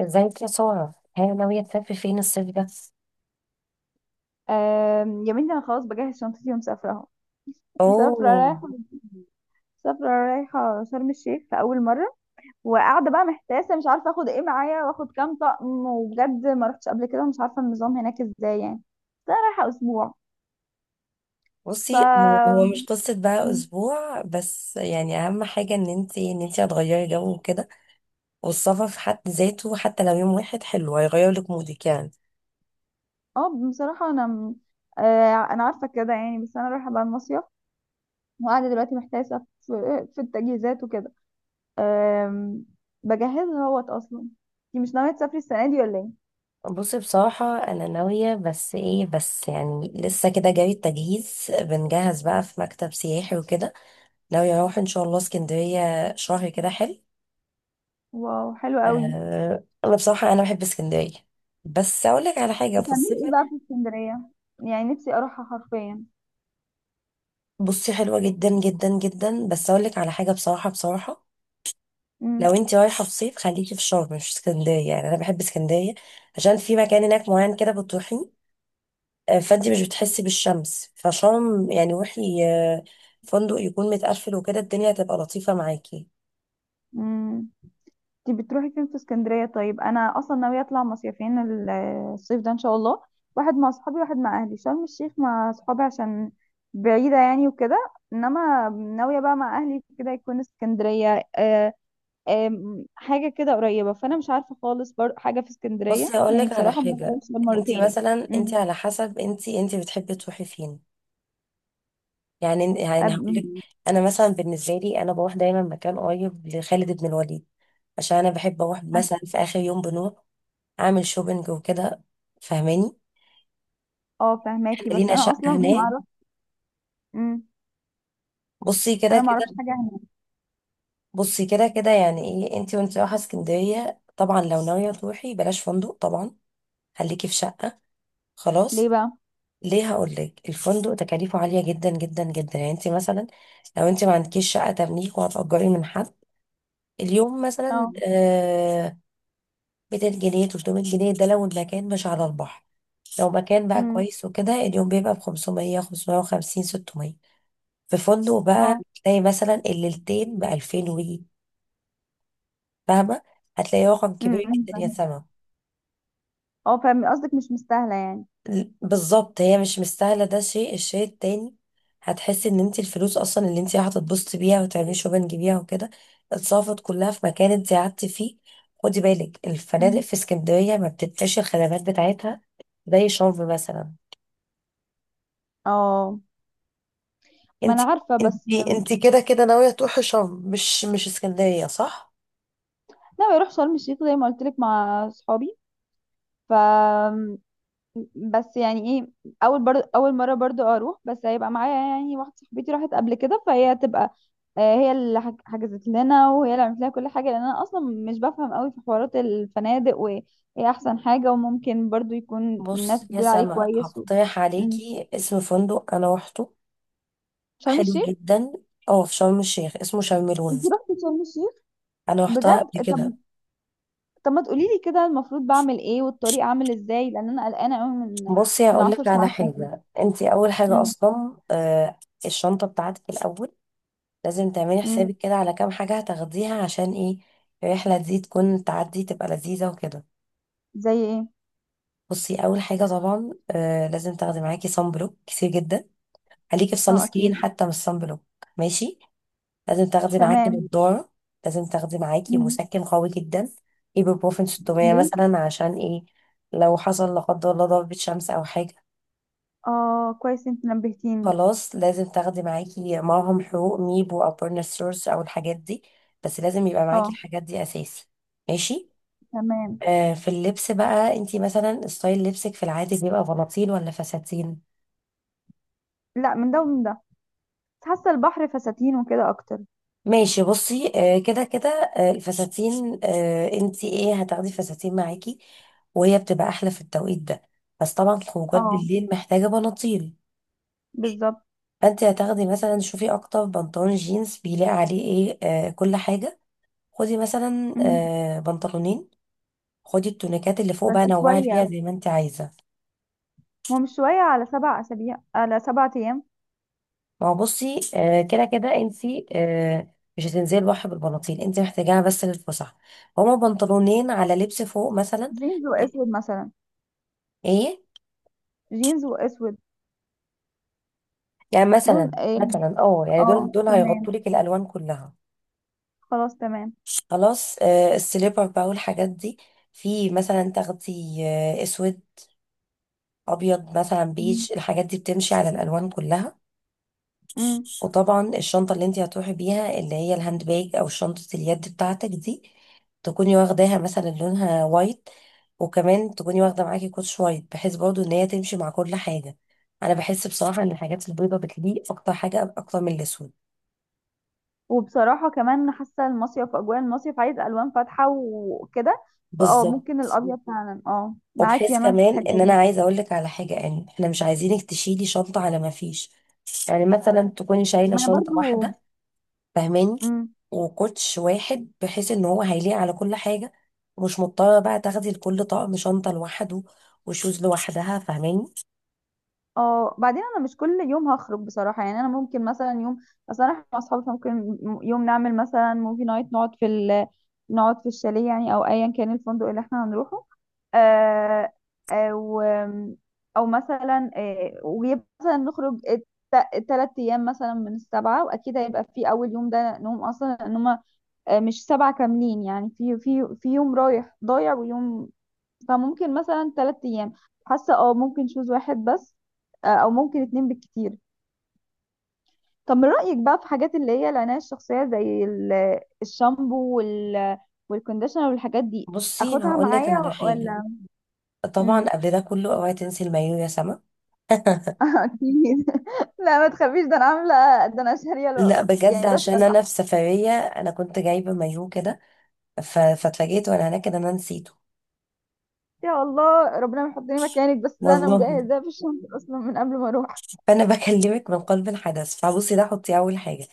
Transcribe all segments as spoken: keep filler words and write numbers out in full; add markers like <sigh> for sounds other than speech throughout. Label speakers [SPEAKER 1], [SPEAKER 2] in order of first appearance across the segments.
[SPEAKER 1] ازاي يا سارة، هي ناوية تسافر فين الصيف ده؟
[SPEAKER 2] آم، يا بنتي انا خلاص بجهز شنطتي ومسافره اهو. مسافره
[SPEAKER 1] اوه.
[SPEAKER 2] رايحه. مسافره رايحه شرم الشيخ في اول مره. وقاعده بقى محتاسه مش عارفه اخد ايه معايا واخد كام طقم، وبجد ما رحتش قبل كده ومش عارفه النظام هناك ازاي يعني. بس انا رايحه اسبوع. ف
[SPEAKER 1] بصي، هو هو مش قصة بقى أسبوع بس، يعني أهم حاجة إن انتي إن انتي هتغيري جو وكده. والسفر في حد ذاته حتى لو يوم واحد حلو، هيغير لك مودك يعني.
[SPEAKER 2] اه بصراحه انا م- آه، انا عارفه كده يعني. بس انا رايحه بقى المصيف، وقاعده دلوقتي محتاسه في <laughs> في التجهيزات وكده. آم، بجهزها اهوت. اصلا انتي مش ناويه تسافري السنه دي ولا ايه؟
[SPEAKER 1] بصي بصراحة أنا ناوية، بس إيه بس يعني لسه كده جاري التجهيز، بنجهز بقى في مكتب سياحي وكده. ناوية أروح إن شاء الله اسكندرية شهر كده حلو.
[SPEAKER 2] واو حلو قوي.
[SPEAKER 1] آه أنا بصراحة أنا بحب اسكندرية، بس أقول لك على حاجة في
[SPEAKER 2] بتعملي
[SPEAKER 1] الصيف.
[SPEAKER 2] ايه بقى في اسكندرية؟ يعني نفسي اروحها حرفيا.
[SPEAKER 1] بصي حلوة جدا جدا جدا، بس اقول لك على حاجة بصراحة بصراحة.
[SPEAKER 2] امم.
[SPEAKER 1] لو انت رايحة في صيف خليكي في شرم مش في اسكندرية، يعني انا بحب اسكندرية عشان في مكان هناك معين كده بتروحي. آه، فانت مش بتحسي بالشمس فشرم، يعني روحي آه، فندق يكون متقفل وكده، الدنيا هتبقى لطيفة معاكي.
[SPEAKER 2] امم. انت بتروحي فين في اسكندرية؟ طيب انا اصلا ناوية اطلع مصيفين ال- الصيف ده ان شاء الله. واحد مع اصحابي واحد مع اهلي. شرم الشيخ مع اصحابي عشان بعيدة يعني وكده، انما ناوية بقى مع اهلي كده يكون اسكندرية. آه آم، حاجة كده قريبة، فانا مش عارفة خالص برضه حاجة في اسكندرية
[SPEAKER 1] بصي هقول
[SPEAKER 2] يعني.
[SPEAKER 1] لك على
[SPEAKER 2] بصراحة ما
[SPEAKER 1] حاجة،
[SPEAKER 2] رحتهاش غير
[SPEAKER 1] انت
[SPEAKER 2] مرتين.
[SPEAKER 1] مثلا
[SPEAKER 2] امم.
[SPEAKER 1] انت على حسب انت انت بتحبي تروحي فين. يعني يعني هقول لك،
[SPEAKER 2] أب-
[SPEAKER 1] انا مثلا بالنسبة لي انا بروح دايما مكان قريب لخالد بن الوليد، عشان انا بحب اروح مثلا في اخر يوم بنروح اعمل شوبينج وكده، فاهماني؟
[SPEAKER 2] اه
[SPEAKER 1] احنا
[SPEAKER 2] فهماكي بس
[SPEAKER 1] لينا
[SPEAKER 2] انا
[SPEAKER 1] شقه
[SPEAKER 2] اصلا ما
[SPEAKER 1] هناك.
[SPEAKER 2] اعرف. امم.
[SPEAKER 1] بصي كده
[SPEAKER 2] انا ما اعرفش
[SPEAKER 1] كده.
[SPEAKER 2] حاجة.
[SPEAKER 1] بصي كده كده يعني، ايه انتي وانتي رايحه اسكندريه؟ طبعا لو ناويه تروحي بلاش فندق طبعا، خليكي في شقه،
[SPEAKER 2] ليه
[SPEAKER 1] خلاص.
[SPEAKER 2] بقى؟
[SPEAKER 1] ليه؟ هقول لك، الفندق تكاليفه عاليه جدا جدا جدا، يعني انتي مثلا لو انتي ما عندكيش شقه تمليك وهتأجري من حد، اليوم مثلا
[SPEAKER 2] اه.
[SPEAKER 1] آه ميتين جنيه ثلاثمية جنيه، ده لو المكان مش على البحر. لو مكان بقى
[SPEAKER 2] امم.
[SPEAKER 1] كويس وكده، اليوم بيبقى ب خمسمية خمسمية وخمسين ستمية في فندق بقى مم.
[SPEAKER 2] اه.
[SPEAKER 1] تلاقي مثلا الليلتين بألفين وي، فاهمة؟ هتلاقي رقم كبير
[SPEAKER 2] امم.
[SPEAKER 1] جدا يا
[SPEAKER 2] فاهمة.
[SPEAKER 1] سما.
[SPEAKER 2] اه فاهم قصدك مش مستاهله يعني.
[SPEAKER 1] ل- بالظبط، هي مش مستاهلة. ده شيء، الشيء التاني هتحسي ان انت الفلوس اصلا اللي انت هتتبسطي بيها وتعملي شوبنج بيها وكده اتصرفت كلها في مكان انت قعدتي فيه. خدي بالك، الفنادق
[SPEAKER 2] أمم.
[SPEAKER 1] في اسكندرية ما بتدفعش الخدمات بتاعتها زي شرم مثلا.
[SPEAKER 2] اه ما
[SPEAKER 1] انت
[SPEAKER 2] انا عارفه
[SPEAKER 1] انت
[SPEAKER 2] بس.
[SPEAKER 1] انت كده كده ناوية تروحي شرم مش مش اسكندرية، صح؟
[SPEAKER 2] ناوي اروح شرم الشيخ زي ما قلت لك مع اصحابي. ف بس يعني ايه، اول برضو اول مره برضو اروح، بس هيبقى معايا يعني واحده صاحبتي راحت قبل كده فهي هتبقى آه، هي اللي حج- حجزت لنا وهي اللي عملت لنا كل حاجه، لان انا اصلا مش بفهم قوي في حوارات الفنادق، وايه احسن حاجه، وممكن برضو يكون
[SPEAKER 1] بص
[SPEAKER 2] الناس
[SPEAKER 1] يا
[SPEAKER 2] بتقول عليه
[SPEAKER 1] سما،
[SPEAKER 2] كويس و
[SPEAKER 1] هقترح
[SPEAKER 2] مم.
[SPEAKER 1] عليكي اسم فندق انا روحته،
[SPEAKER 2] شرم
[SPEAKER 1] حلو
[SPEAKER 2] الشيخ.
[SPEAKER 1] جدا. اه في شرم الشيخ اسمه شرم
[SPEAKER 2] انت
[SPEAKER 1] الوز.
[SPEAKER 2] رحتي شرم الشيخ؟
[SPEAKER 1] انا روحتها قبل
[SPEAKER 2] بجد؟ طب.
[SPEAKER 1] كده.
[SPEAKER 2] طب ما تقولي لي كده المفروض بعمل ايه والطريق عامل ازاي، لان انا قلقانه قوي من
[SPEAKER 1] بصي
[SPEAKER 2] من
[SPEAKER 1] هقول
[SPEAKER 2] 10
[SPEAKER 1] لك على
[SPEAKER 2] ساعات.
[SPEAKER 1] حاجه، انت اول حاجه
[SPEAKER 2] امم.
[SPEAKER 1] اصلا آه الشنطه بتاعتك الاول، لازم تعملي
[SPEAKER 2] امم.
[SPEAKER 1] حسابك كده على كام حاجه هتاخديها عشان ايه الرحله دي تكون تعدي تبقى لذيذه وكده.
[SPEAKER 2] زي ايه؟
[SPEAKER 1] بصي اول حاجه طبعا آه لازم تاخدي معاكي صن بلوك كتير جدا، خليكي في صن
[SPEAKER 2] اه
[SPEAKER 1] سكرين
[SPEAKER 2] اكيد.
[SPEAKER 1] حتى مش صن بلوك، ماشي؟ لازم تاخدي معاكي
[SPEAKER 2] تمام.
[SPEAKER 1] نضارة، لازم تاخدي معاكي
[SPEAKER 2] امم.
[SPEAKER 1] مسكن قوي جدا، ايبوبروفين ستمية
[SPEAKER 2] ليه؟
[SPEAKER 1] مثلا، عشان ايه؟ لو حصل لا قدر الله ضربة شمس او حاجة،
[SPEAKER 2] اه كويس انت نبهتيني.
[SPEAKER 1] خلاص لازم تاخدي معاكي معهم حقوق ميبو او بيرنسورس او الحاجات دي. بس لازم يبقى معاكي
[SPEAKER 2] اه
[SPEAKER 1] الحاجات دي اساسي، ماشي.
[SPEAKER 2] تمام.
[SPEAKER 1] آه في اللبس بقى، انتي مثلا ستايل لبسك في العادي بيبقى بناطيل ولا فساتين؟
[SPEAKER 2] لا من ده ومن ده، بس حاسه البحر فساتين وكده اكتر.
[SPEAKER 1] ماشي بصي، آه، كده كده آه، الفساتين، آه، انتي ايه هتاخدي فساتين معاكي، وهي بتبقى احلى في التوقيت ده. بس طبعا الخروجات
[SPEAKER 2] اه
[SPEAKER 1] بالليل محتاجه بناطيل،
[SPEAKER 2] بالظبط.
[SPEAKER 1] فانتي هتاخدي مثلا. شوفي اكتر بنطلون جينز بيلاقي عليه ايه؟ آه، كل حاجه. خدي مثلا
[SPEAKER 2] مم.
[SPEAKER 1] آه، بنطلونين. خدي التونيكات اللي فوق
[SPEAKER 2] بس
[SPEAKER 1] بقى نوعي فيها
[SPEAKER 2] شويه.
[SPEAKER 1] زي ما انتي عايزه.
[SPEAKER 2] هو مش شويه على سبع اسابيع، على سبع ايام.
[SPEAKER 1] ما هو بصي آه، كده كده انتي آه، مش هتنزلي البحر بالبناطيل، انتي محتاجاها بس للفسح. هما بنطلونين على لبس فوق مثلا،
[SPEAKER 2] جينز واسود مثلا.
[SPEAKER 1] ايه؟
[SPEAKER 2] جينز واسود.
[SPEAKER 1] يعني
[SPEAKER 2] لون
[SPEAKER 1] مثلا
[SPEAKER 2] ايه؟
[SPEAKER 1] مثلا اه يعني دول
[SPEAKER 2] اه
[SPEAKER 1] دول
[SPEAKER 2] تمام.
[SPEAKER 1] هيغطوا لك الالوان كلها.
[SPEAKER 2] خلاص تمام.
[SPEAKER 1] خلاص آه السليبر بقى والحاجات دي، في مثلا تاخدي آه اسود، ابيض مثلا،
[SPEAKER 2] مم.
[SPEAKER 1] بيج، الحاجات دي بتمشي على الالوان كلها.
[SPEAKER 2] مم.
[SPEAKER 1] وطبعا الشنطه اللي انت هتروحي بيها، اللي هي الهاند باج او شنطه اليد بتاعتك دي، تكوني واخداها مثلا لونها وايت. وكمان تكوني واخده معاكي كوتش وايت، بحيث برضو ان هي تمشي مع كل حاجه. انا بحس بصراحه ان الحاجات البيضه بتليق اكتر حاجه اكتر من الاسود.
[SPEAKER 2] وبصراحة كمان حاسة المصيف، أجواء المصيف عايز ألوان فاتحة وكده، فأه
[SPEAKER 1] بالظبط.
[SPEAKER 2] ممكن الأبيض فعلا. أه معاكي
[SPEAKER 1] وبحيث
[SPEAKER 2] أنا في
[SPEAKER 1] كمان
[SPEAKER 2] الحتة
[SPEAKER 1] ان
[SPEAKER 2] دي.
[SPEAKER 1] انا عايزه اقول لك على حاجه، يعني احنا مش عايزينك تشيلي شنطه على ما فيش، يعني مثلا تكوني شايله
[SPEAKER 2] ما أنا
[SPEAKER 1] شنطه
[SPEAKER 2] برضو.
[SPEAKER 1] واحده، فاهماني؟
[SPEAKER 2] مم.
[SPEAKER 1] وكوتش واحد، بحيث ان هو هيليق على كل حاجه، ومش مضطره بقى تاخدي لكل طقم شنطه لوحده وشوز لوحدها، فاهماني؟
[SPEAKER 2] اه بعدين انا مش كل يوم هخرج بصراحه يعني. انا ممكن مثلا يوم، مثلا احنا مع اصحابي ممكن يوم نعمل مثلا موفي نايت، نقعد في ال... نقعد في الشاليه يعني، او ايا كان الفندق اللي احنا هنروحه. آه او او مثلا، آه ويبقى مثلا نخرج ثلاث ايام مثلا من السبعه. واكيد هيبقى في اول يوم ده نوم اصلا، ان هم مش سبعه كاملين يعني. في في في يوم رايح ضايع ويوم. فممكن مثلا ثلاث ايام. حاسه اه ممكن شوز واحد بس، آه، او ممكن اتنين بالكتير. طب من رايك بقى في حاجات اللي هي العنايه الشخصيه، زي ال- الشامبو وال والكونديشنر والحاجات دي.
[SPEAKER 1] بصي
[SPEAKER 2] اخدها
[SPEAKER 1] هقول لك
[SPEAKER 2] معايا
[SPEAKER 1] على حاجه،
[SPEAKER 2] ولا؟
[SPEAKER 1] طبعا
[SPEAKER 2] مم.
[SPEAKER 1] قبل ده كله اوعي تنسي المايو يا سما.
[SPEAKER 2] <laughs>
[SPEAKER 1] <laughs>
[SPEAKER 2] اكيد. لا ما تخافيش ده انا عامله. ده انا شاريه الو...
[SPEAKER 1] لا بجد،
[SPEAKER 2] يعني ده استنى.
[SPEAKER 1] عشان انا في سفريه انا كنت جايبه مايو كده، ف- فاتفاجئت وانا هناك ان انا نسيته،
[SPEAKER 2] يا الله ربنا ما يحطني مكانك، بس ده انا
[SPEAKER 1] والله.
[SPEAKER 2] مجهزاه في الشنطه اصلا من قبل ما اروح.
[SPEAKER 1] فانا <laughs> بكلمك من قلب الحدث. فبصي ده حطي اول حاجه،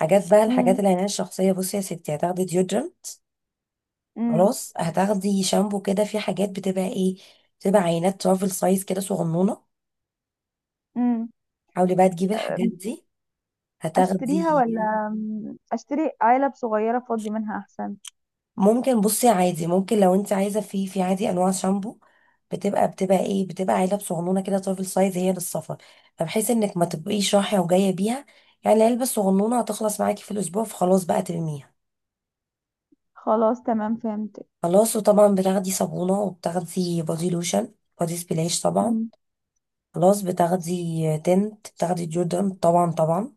[SPEAKER 1] حاجات بقى الحاجات
[SPEAKER 2] امم.
[SPEAKER 1] العنايه الشخصيه. بصي يا ستي، هتاخدي ديودرم، خلاص، هتاخدي شامبو. كده في حاجات بتبقى ايه، بتبقى عينات ترافل سايز كده صغنونه، حاولي بقى تجيبي الحاجات
[SPEAKER 2] امم.
[SPEAKER 1] دي.
[SPEAKER 2] اشتريها
[SPEAKER 1] هتاخدي.
[SPEAKER 2] ولا؟ مم. اشتري علب صغيرة فاضي منها احسن.
[SPEAKER 1] ممكن بصي عادي، ممكن لو انت عايزه في في عادي انواع شامبو بتبقى بتبقى ايه، بتبقى علب صغنونه كده ترافل سايز هي للسفر، فبحيث انك ما تبقيش رايحه وجايه بيها. يعني العلبه الصغنونه هتخلص معاكي في الاسبوع، فخلاص بقى ترميها.
[SPEAKER 2] خلاص تمام فهمت.
[SPEAKER 1] خلاص. وطبعا بتاخدي صابونة وبتاخدي بودي لوشن، بودي سبلاش طبعا.
[SPEAKER 2] مم.
[SPEAKER 1] خلاص بتاخدي تنت، بتاخدي جوردن طبعا طبعا.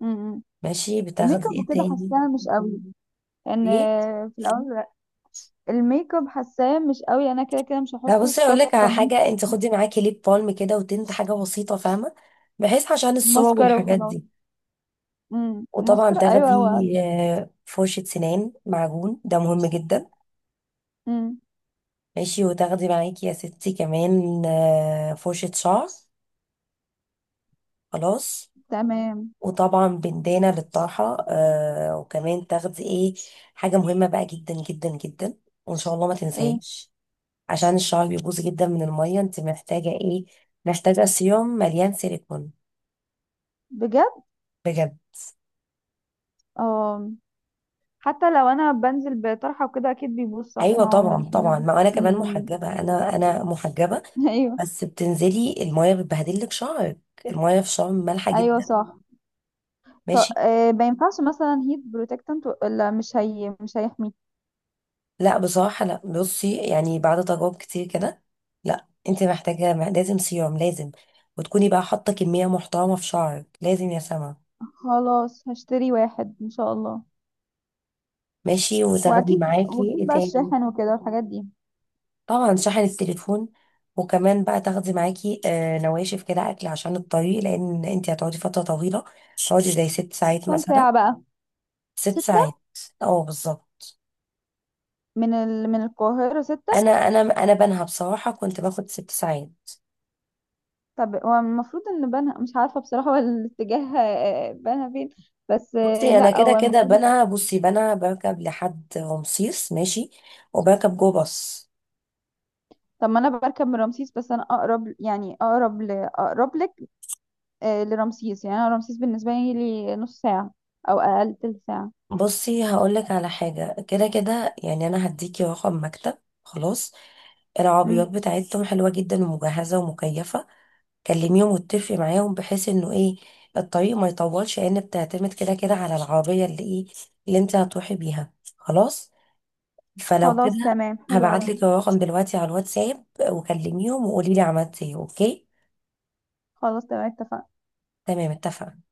[SPEAKER 2] مم.
[SPEAKER 1] ماشي
[SPEAKER 2] الميك
[SPEAKER 1] بتاخدي
[SPEAKER 2] اب
[SPEAKER 1] ايه
[SPEAKER 2] وكده
[SPEAKER 1] تاني؟
[SPEAKER 2] حاساها مش قوي. ان
[SPEAKER 1] ايه؟
[SPEAKER 2] في الاول الميك اب حاساه مش قوي، انا كده كده مش
[SPEAKER 1] لا
[SPEAKER 2] هحطه
[SPEAKER 1] بصي اقول لك
[SPEAKER 2] الصبح.
[SPEAKER 1] على حاجة، انت خدي معاكي ليب بالم كده وتنت حاجة بسيطة، فاهمة؟ بحيث عشان الصور
[SPEAKER 2] فماسكارا
[SPEAKER 1] والحاجات
[SPEAKER 2] وخلاص.
[SPEAKER 1] دي.
[SPEAKER 2] مم.
[SPEAKER 1] وطبعا
[SPEAKER 2] ماسكارا
[SPEAKER 1] تاخدي
[SPEAKER 2] ايوه هو.
[SPEAKER 1] آه، فرشة سنان، معجون، ده مهم جدا.
[SPEAKER 2] مم.
[SPEAKER 1] ماشي. وتاخدي معاكي يا ستي كمان آه، فرشة شعر، خلاص.
[SPEAKER 2] تمام.
[SPEAKER 1] وطبعا بندانة للطرحة آه. وكمان تاخدي ايه حاجة مهمة بقى جدا جدا جدا، وان شاء الله ما
[SPEAKER 2] ايه؟
[SPEAKER 1] تنساهاش. عشان الشعر بيبوظ جدا من المية، انت محتاجة ايه؟ محتاجة سيروم مليان سيليكون.
[SPEAKER 2] بجد؟
[SPEAKER 1] بجد.
[SPEAKER 2] اه. حتى لو انا بنزل بطرحه وكده اكيد بيبوظ، صح،
[SPEAKER 1] ايوه
[SPEAKER 2] ما هو من
[SPEAKER 1] طبعا طبعا،
[SPEAKER 2] الفيلم.
[SPEAKER 1] ما انا كمان
[SPEAKER 2] مم.
[SPEAKER 1] محجبة، انا انا محجبة.
[SPEAKER 2] <laughs> ايوه.
[SPEAKER 1] بس بتنزلي المية بتبهدلك شعرك، المية في شعر مالحة
[SPEAKER 2] ايوه
[SPEAKER 1] جدا،
[SPEAKER 2] صح. طب
[SPEAKER 1] ماشي.
[SPEAKER 2] آه، ما ينفعش مثلا هيت بروتكتنت؟ لا مش هي مش هيحميك.
[SPEAKER 1] لا بصراحة لا، بصي يعني بعد تجارب كتير كده، لا انت محتاجة مح- لازم سيروم، لازم، وتكوني بقى حاطة كمية محترمة في شعرك، لازم يا سما.
[SPEAKER 2] خلاص هشتري واحد ان شاء الله.
[SPEAKER 1] ماشي. وتاخدي
[SPEAKER 2] واكيد
[SPEAKER 1] معاكي
[SPEAKER 2] واكيد
[SPEAKER 1] ايه
[SPEAKER 2] بقى
[SPEAKER 1] تاني؟
[SPEAKER 2] الشاحن وكده والحاجات دي.
[SPEAKER 1] طبعا شحن التليفون، وكمان بقى تاخدي معاكي آه نواشف كده اكل عشان الطريق، لان انت هتقعدي فترة طويلة، هتقعدي زي ست ساعات
[SPEAKER 2] كام
[SPEAKER 1] مثلا.
[SPEAKER 2] ساعة بقى؟
[SPEAKER 1] ست ساعات،
[SPEAKER 2] ستة.
[SPEAKER 1] اه بالظبط.
[SPEAKER 2] من ال... من القاهرة
[SPEAKER 1] انا
[SPEAKER 2] ستة.
[SPEAKER 1] انا انا بنها بصراحة كنت باخد ست ساعات.
[SPEAKER 2] طب هو المفروض ان بنها مش عارفة بصراحة <laughs> هو الاتجاه آه، بنها فين؟ بس آه،
[SPEAKER 1] بصي انا
[SPEAKER 2] لا
[SPEAKER 1] كده
[SPEAKER 2] هو
[SPEAKER 1] كده
[SPEAKER 2] المفروض.
[SPEAKER 1] بنها بصي بنها بركب لحد رمسيس، ماشي، وبركب جو باص.
[SPEAKER 2] طب ما انا بركب من رمسيس، بس انا اقرب يعني اقرب ل... اقرب لك آه، لرمسيس يعني. انا رمسيس بالنسبة لي نص ساعة او اقل تلت ساعة.
[SPEAKER 1] بصي هقولك على حاجة، كده كده يعني انا هديكي رقم مكتب، خلاص.
[SPEAKER 2] مم.
[SPEAKER 1] العربيات بتاعتهم حلوة جدا، ومجهزة ومكيفة، كلميهم واتفقي معاهم، بحيث انه ايه الطريق ما يطولش، لان بتعتمد كده كده على العربية اللي ايه اللي انت هتروحي بيها، خلاص. فلو
[SPEAKER 2] خلاص
[SPEAKER 1] كده
[SPEAKER 2] تمام حلو أوي.
[SPEAKER 1] هبعتلك الرقم دلوقتي على الواتساب، وكلميهم وقوليلي عملت ايه، اوكي؟
[SPEAKER 2] خلاص تمام اتفقنا.
[SPEAKER 1] تمام، اتفقنا.